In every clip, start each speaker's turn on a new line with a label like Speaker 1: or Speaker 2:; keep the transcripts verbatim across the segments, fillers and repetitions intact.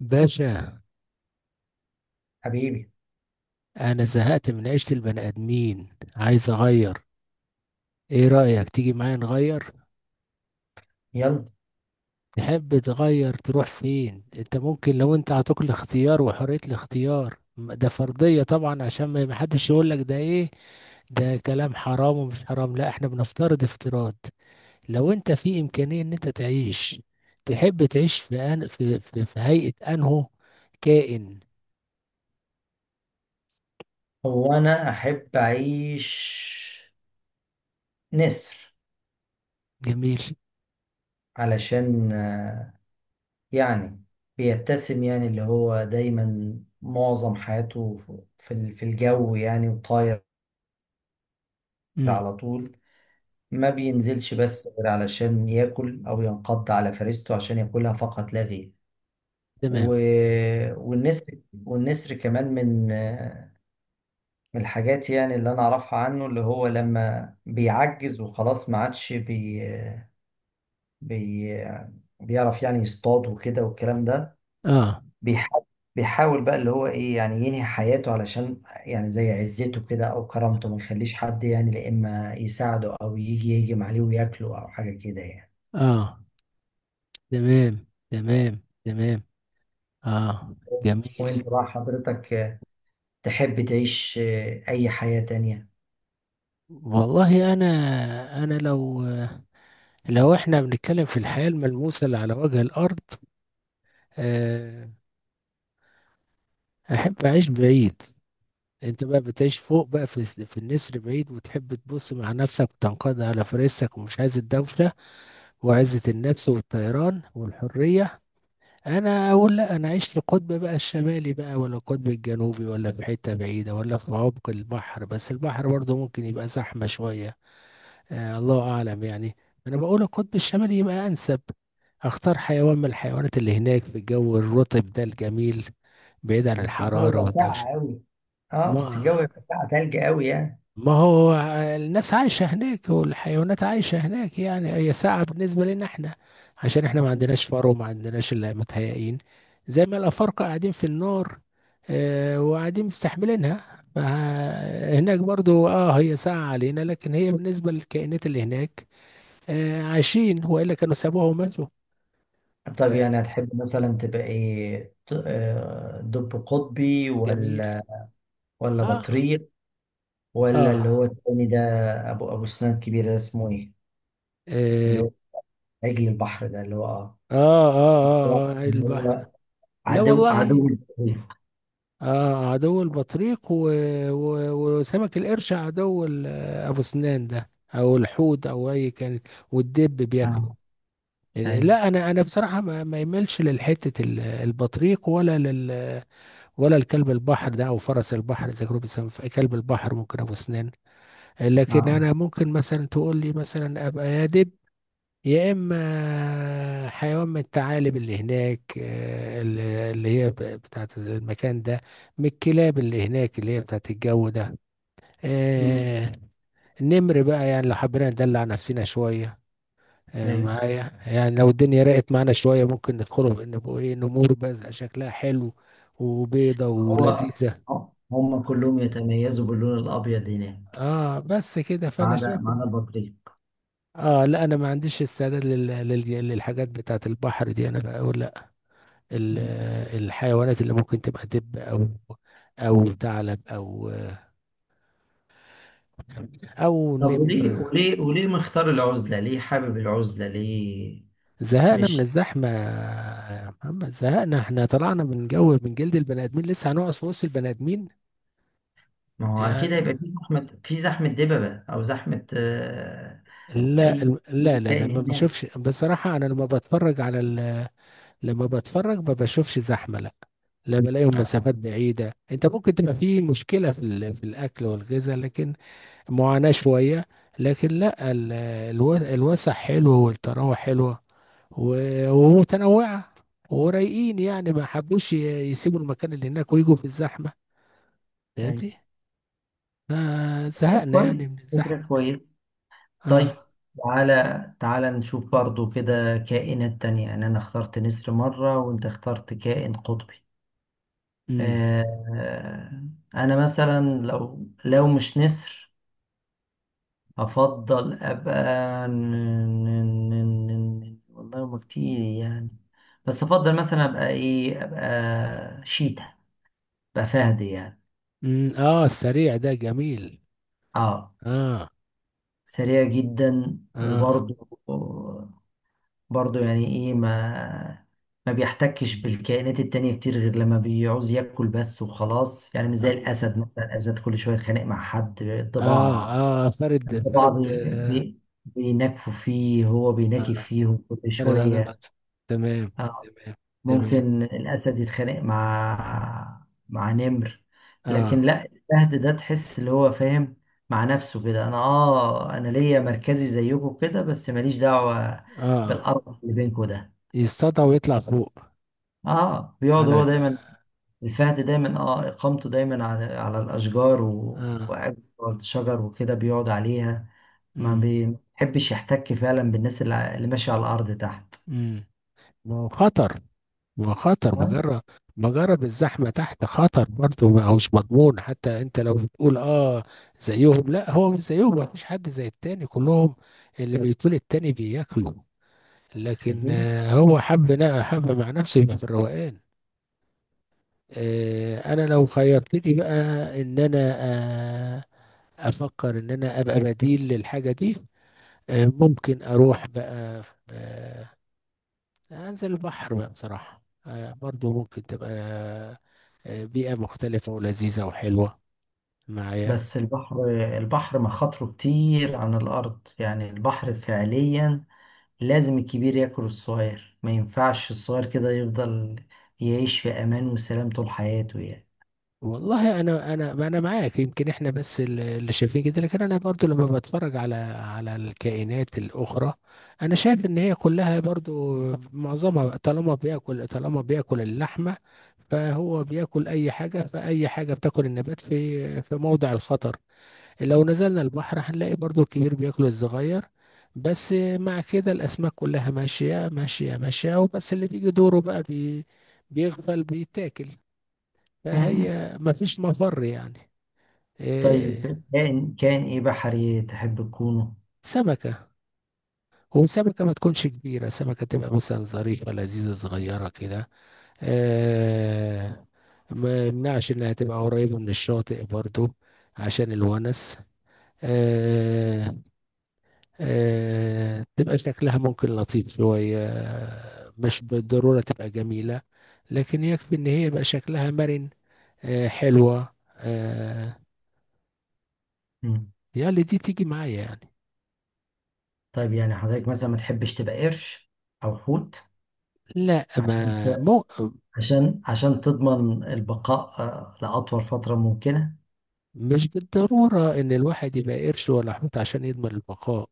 Speaker 1: باشا،
Speaker 2: حبيبي.
Speaker 1: انا زهقت من عيشة البني ادمين. عايز اغير. ايه رأيك تيجي معايا نغير؟
Speaker 2: يلا.
Speaker 1: تحب تغير تروح فين؟ انت ممكن، لو انت عطوك الاختيار وحرية الاختيار، م- ده فرضية طبعا، عشان ما ما حدش يقول لك ده ايه. ده كلام حرام ومش حرام. لا احنا بنفترض افتراض. لو انت في امكانية ان انت تعيش، تحب تعيش في أن... في... في... في هيئة انه كائن.
Speaker 2: هو انا احب اعيش نسر
Speaker 1: جميل.
Speaker 2: علشان آه، يعني بيتسم، يعني اللي هو دايما معظم حياته في ال- في الجو يعني وطاير
Speaker 1: امم.
Speaker 2: على طول. ما بينزلش بس غير علشان ياكل او ينقض على فريسته عشان ياكلها فقط لا غير. و...
Speaker 1: تمام.
Speaker 2: والنسر والنسر كمان من آه، من الحاجات يعني اللي انا اعرفها عنه، اللي هو لما بيعجز وخلاص ما عادش بي بي... بيعرف يعني يصطاد وكده والكلام ده.
Speaker 1: اه،
Speaker 2: بيحاول بيحاول بقى اللي هو ايه يعني، ينهي حياته علشان يعني زي عزته كده او كرامته، ما يخليش حد يعني لا اما يساعده او يجي يهجم عليه وياكله او حاجة كده يعني.
Speaker 1: اه. تمام، تمام، تمام. اه. جميل.
Speaker 2: وانت بقى حضرتك، آه، تحب تعيش آه، اي حياة تانية؟
Speaker 1: والله انا، انا لو لو احنا بنتكلم في الحياة الملموسة اللي على وجه الارض، آه احب اعيش بعيد. انت بقى بتعيش فوق بقى في في النسر بعيد، وتحب تبص مع نفسك وتنقض على فريسك ومش عايز الدوشة وعزة النفس والطيران والحرية. انا اقول لا، انا عشت القطب بقى الشمالي بقى، ولا القطب الجنوبي، ولا في حته بعيده، ولا في عمق البحر. بس البحر برضه ممكن يبقى زحمه شويه. آه الله اعلم يعني. انا بقول القطب الشمالي يبقى انسب. اختار حيوان من الحيوانات اللي هناك في الجو الرطب ده الجميل، بعيد عن
Speaker 2: بس الجو
Speaker 1: الحراره
Speaker 2: بقى
Speaker 1: والدوشه.
Speaker 2: ساقع قوي. اه بس
Speaker 1: ما
Speaker 2: الجو يبقى ساقع تلج قوي يعني.
Speaker 1: ما هو الناس عايشة هناك والحيوانات عايشة هناك، يعني هي ساعة بالنسبة لنا احنا، عشان احنا ما
Speaker 2: مم.
Speaker 1: عندناش فار وما عندناش اللي متهيئين، زي ما الأفارقة قاعدين في النار، اه، وقاعدين مستحملينها. فهناك برضو اه هي ساعة علينا، لكن هي بالنسبة للكائنات اللي هناك، اه، عايشين وإلا كانوا سابوها وماتوا.
Speaker 2: طب
Speaker 1: آه،
Speaker 2: يعني هتحب مثلا تبقى ايه، ط- آه، دب قطبي،
Speaker 1: جميل.
Speaker 2: ولا ولا
Speaker 1: اه.
Speaker 2: بطريق، ولا
Speaker 1: اه.
Speaker 2: اللي هو التاني ده، ابو ابو سنان كبير ده اسمه ايه؟ اللي
Speaker 1: اه.
Speaker 2: هو عجل البحر ده، اللي هو
Speaker 1: اه، اه، آه،
Speaker 2: اه
Speaker 1: آه، آه،
Speaker 2: اللي
Speaker 1: البحر.
Speaker 2: هو
Speaker 1: لا
Speaker 2: عدو
Speaker 1: والله.
Speaker 2: عدو البحر؟
Speaker 1: اه، عدو البطريق و... و... وسمك القرش، عدو ال- ابو سنان ده، او الحوت، او اي كانت، والدب
Speaker 2: اه،
Speaker 1: بياكله.
Speaker 2: ايوه،
Speaker 1: لا، انا انا بصراحه ما ما يملش للحته، ال- البطريق، ولا لل ولا الكلب البحر ده او فرس البحر، اذا كانوا بيسموه كلب البحر. ممكن ابو سنان،
Speaker 2: اه،
Speaker 1: لكن
Speaker 2: آه.
Speaker 1: انا ممكن مثلا تقول لي مثلا ابقى يا دب، يا اما حيوان من الثعالب اللي هناك، آه، اللي اللي هي ب- بتاعت المكان ده، من الكلاب اللي هناك اللي هي بتاعت الجو ده.
Speaker 2: امم.
Speaker 1: آه، نمر بقى يعني لو حبينا ندلع نفسنا شوية، آه،
Speaker 2: ايوه،
Speaker 1: معايا، يعني لو الدنيا رقت معانا شوية ممكن ندخله بقى نبقوا ايه نمور، بس شكلها حلو وبيضة
Speaker 2: هو
Speaker 1: ولذيذة.
Speaker 2: هو- هم كلهم يتميزوا باللون الابيض هناك،
Speaker 1: اه، بس كده
Speaker 2: ما
Speaker 1: فانا
Speaker 2: عدا
Speaker 1: شايف
Speaker 2: ما عدا
Speaker 1: إن-
Speaker 2: البطريق.
Speaker 1: اه لا، انا ما عنديش استعداد لل- لل- للحاجات بتاعت البحر دي. انا بقول ال-
Speaker 2: مم.
Speaker 1: الحيوانات اللي ممكن تبقى دب، او او ثعلب، او او
Speaker 2: طب
Speaker 1: نمر.
Speaker 2: وليه وليه وليه مختار العزلة؟ ليه حابب العزلة؟ ليه؟
Speaker 1: زهقنا من
Speaker 2: مش.
Speaker 1: الزحمه يا محمد، زهقنا. احنا طلعنا من جو، من جلد البني ادمين، لسه هنقعد في وسط البني ادمين؟
Speaker 2: ما هو أكيد
Speaker 1: يعني،
Speaker 2: هيبقى في زحمة في زحمة دببة، أو زحمة آه،
Speaker 1: لا
Speaker 2: أي
Speaker 1: الم- لا، لا، لا،
Speaker 2: تاني
Speaker 1: ما
Speaker 2: هناك.
Speaker 1: بشوفش بصراحه. انا لما بتفرج على ال... لما بتفرج ما بشوفش زحمه، لا. لا بلاقيهم
Speaker 2: آه.
Speaker 1: مسافات بعيده. انت ممكن تبقى في مشكله في ال... في الاكل والغذاء، لكن معاناة شوية. لكن لا، ال- الو- الوسع حلوة والطراوة حلوة و- ومتنوعة، ورايقين. يعني ما حبوش ي- يسيبوا المكان اللي هناك ويجوا في الزحمة.
Speaker 2: أيوة.
Speaker 1: فاهمني؟ فزهقنا
Speaker 2: كويس.
Speaker 1: يعني من الزحمة.
Speaker 2: فكرة كويس. طيب،
Speaker 1: اه.
Speaker 2: تعالى تعالى نشوف برضو كده كائنات تانية يعني. أنا اخترت نسر مرة وأنت اخترت كائن قطبي.
Speaker 1: امم.
Speaker 2: آه، أنا مثلا لو لو مش نسر، أفضل أبقى ن- ن- ن- ن- ن- والله هما كتير يعني. بس أفضل مثلا أبقى إيه، أبقى شيتا، أبقى فهد يعني.
Speaker 1: امم. اه، السريع ده جميل.
Speaker 2: آه
Speaker 1: اه.
Speaker 2: سريع جدا
Speaker 1: اه.
Speaker 2: وبرضو برضه يعني ايه، ما ما بيحتكش بالكائنات التانية كتير غير لما بيعوز ياكل بس وخلاص. يعني مش زي
Speaker 1: اه.
Speaker 2: الأسد مثلا، الأسد كل شوية يتخانق مع حد،
Speaker 1: اه،
Speaker 2: الضباع،
Speaker 1: آه، فرد
Speaker 2: الضباع
Speaker 1: فرد،
Speaker 2: بي...
Speaker 1: آه،
Speaker 2: بي... بينكفوا فيه، هو بينكف
Speaker 1: آه،
Speaker 2: فيهم كل
Speaker 1: فرد
Speaker 2: شوية.
Speaker 1: عضلات. تمام،
Speaker 2: آه،
Speaker 1: تمام، تمام.
Speaker 2: ممكن الأسد يتخانق مع مع نمر. لكن
Speaker 1: اه.
Speaker 2: لا، الفهد ده تحس اللي هو فاهم مع نفسه كده، أنا آه أنا ليا مركزي زيكم كده، بس ماليش دعوة
Speaker 1: اه.
Speaker 2: بالقرف اللي بينكم ده.
Speaker 1: يصطاد ويطلع فوق
Speaker 2: اه بيقعد هو
Speaker 1: على،
Speaker 2: دايما الفهد دايما، اه اقامته دايما على على الاشجار، و...
Speaker 1: اه.
Speaker 2: وقاعد على الشجر وكده بيقعد عليها. ما
Speaker 1: امم.
Speaker 2: بيحبش يحتك فعلا بالناس اللي ع- اللي ماشيه على الارض تحت.
Speaker 1: امم. ما هو خطر، ما هو خطر.
Speaker 2: آه،
Speaker 1: مجرد مجرد الزحمه تحت خطر برضه، ما هوش مضمون. حتى انت لو بتقول اه زيهم، لا هو مش زيهم، ما فيش حد زي التاني، كلهم اللي بيطول التاني بياكلوا. لكن
Speaker 2: شايفين؟
Speaker 1: آه، هو حب نا- حب مع نفسه يبقى في الروقان. آه انا لو خيرتني بقى ان انا، آه افكر ان انا ابقى بديل للحاجه دي، آه ممكن اروح بقى، آه، انزل البحر بقى بصراحة، آه، برضو ممكن تبقى آه، بيئة مختلفة ولذيذة وحلوة معايا.
Speaker 2: بس البحر البحر مخاطره كتير عن الارض يعني. البحر فعليا لازم الكبير ياكل الصغير، ما ينفعش الصغير كده يفضل يعيش في امان وسلام طول حياته يعني.
Speaker 1: والله انا، انا انا معاك، يمكن احنا بس ال- اللي شايفين كده. لكن انا برضو لما بتفرج على على الكائنات الاخرى، انا شايف ان هي كلها برضو معظمها، طالما بياكل، طالما بياكل اللحمة، فهو بياكل اي حاجة. فاي حاجة بتاكل النبات في في موضع الخطر. لو نزلنا البحر هنلاقي برضو الكبير بياكل الصغير، بس مع كده الأسماك كلها ماشية ماشية ماشية، وبس اللي بيجي دوره بقى بي بيغفل بيتاكل.
Speaker 2: مم.
Speaker 1: فهي مفيش مفر يعني. إيه.
Speaker 2: طيب، كائن كائن ايه بحري تحب تكونه؟
Speaker 1: سمكة، وسمكة ما تكونش كبيرة، سمكة تبقى مثلا ظريفة لذيذة صغيرة كده. إيه، ما يمنعش إنها تبقى قريبة من الشاطئ برضو عشان الونس، آه، آه، تبقى شكلها ممكن لطيف شوية، آه، مش بالضرورة تبقى جميلة، لكن يكفي ان هي يبقى شكلها مرن آه، حلوة آه، يعني دي تيجي معايا يعني.
Speaker 2: طيب يعني حضرتك مثلا ما تحبش تبقى قرش او حوت،
Speaker 1: لا،
Speaker 2: عشان
Speaker 1: ما مو
Speaker 2: عشان عشان تضمن البقاء آه، لاطول فتره ممكنه؟
Speaker 1: مش بالضرورة ان الواحد يبقى قرش ولا حوت عشان يضمن البقاء.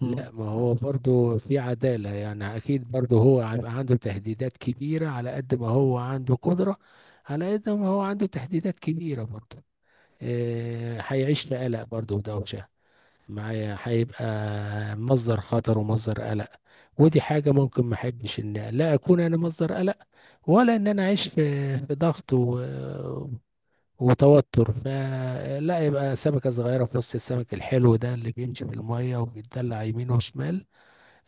Speaker 2: مم.
Speaker 1: لا ما هو برضو في عدالة يعني، اكيد برضو هو هيبقى عنده تهديدات كبيرة على قد ما هو عنده قدرة. على قد ما هو عنده تهديدات كبيرة برضو، آه، هيعيش في قلق برضه ودوشة. معايا هيبقى مصدر خطر ومصدر قلق، ودي حاجة ممكن ما احبش ان لا اكون انا مصدر قلق، ولا ان انا اعيش في في ضغط و... وتوتر. فلا، يبقى سمكة صغيرة في نص السمك الحلو ده اللي بيمشي في المية وبيتدلع يمين وشمال،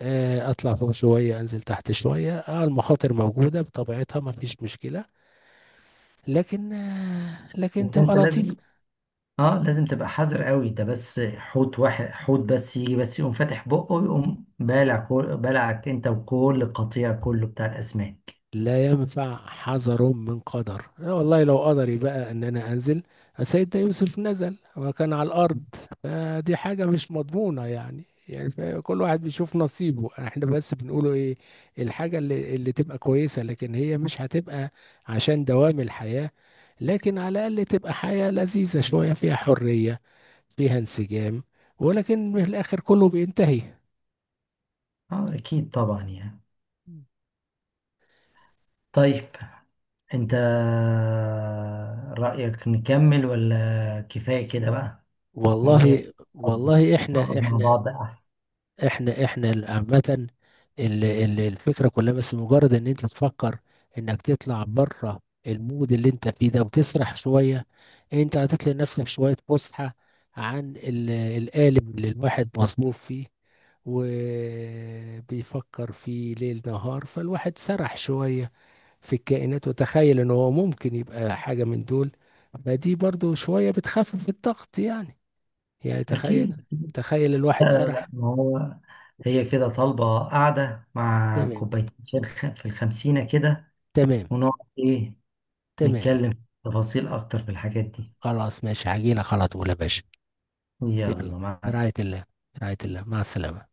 Speaker 1: آه، اطلع فوق شوية انزل تحت شوية. اه المخاطر موجودة بطبيعتها ما فيش مشكلة، لكن آه، لكن
Speaker 2: بس
Speaker 1: تبقى
Speaker 2: انت لازم
Speaker 1: لطيف.
Speaker 2: اه لازم تبقى حذر قوي. ده بس حوت واحد، حوت بس يجي، بس يقوم فاتح بقه ويقوم بالع كل، بالعك انت وكل قطيع كله بتاع الاسماك.
Speaker 1: لا ينفع حذر من قدر. أنا والله لو قدري بقى ان انا انزل، سيدنا يوسف نزل وكان على الارض. فدي حاجة مش مضمونة يعني. يعني كل واحد بيشوف نصيبه. احنا بس بنقوله ايه، الحاجة اللي, اللي تبقى كويسة، لكن هي مش هتبقى عشان دوام الحياة، لكن على الاقل تبقى حياة لذيذة شوية فيها حرية، فيها انسجام، ولكن في الاخر كله بينتهي.
Speaker 2: اه، اكيد طبعا يعني. طيب، انت رأيك نكمل ولا كفاية كده بقى؟ أغنية.
Speaker 1: والله، والله،
Speaker 2: نقعد
Speaker 1: احنا،
Speaker 2: مع
Speaker 1: احنا
Speaker 2: بعض أحسن.
Speaker 1: احنا احنا ال- عامة، ال- ال- الفكرة كلها بس مجرد ان انت تفكر انك تطلع بره المود اللي انت فيه ده وتسرح شوية. انت هتطلع لنفسك شوية فسحة عن ال- القالب اللي الواحد مصبوب فيه وبيفكر فيه ليل نهار. فالواحد سرح شوية في الكائنات وتخيل ان هو ممكن يبقى حاجة من دول. فدي برضو شوية بتخفف الضغط يعني. يعني تخيل،
Speaker 2: أكيد.
Speaker 1: تخيل
Speaker 2: لا،
Speaker 1: الواحد
Speaker 2: لا، لا،
Speaker 1: سرح.
Speaker 2: ما هو هي كده طالبة قاعدة مع
Speaker 1: تمام،
Speaker 2: كوبايتين شاي الخ- في الخمسينة كده،
Speaker 1: تمام،
Speaker 2: ونقعد إيه،
Speaker 1: تمام.
Speaker 2: نتكلم تفاصيل أكتر في الحاجات دي.
Speaker 1: خلاص ماشي، هجيلك على طول يا باشا. يلا.
Speaker 2: يلا، مع
Speaker 1: برعاية
Speaker 2: السلامة.
Speaker 1: الله. برعاية الله، مع السلامة.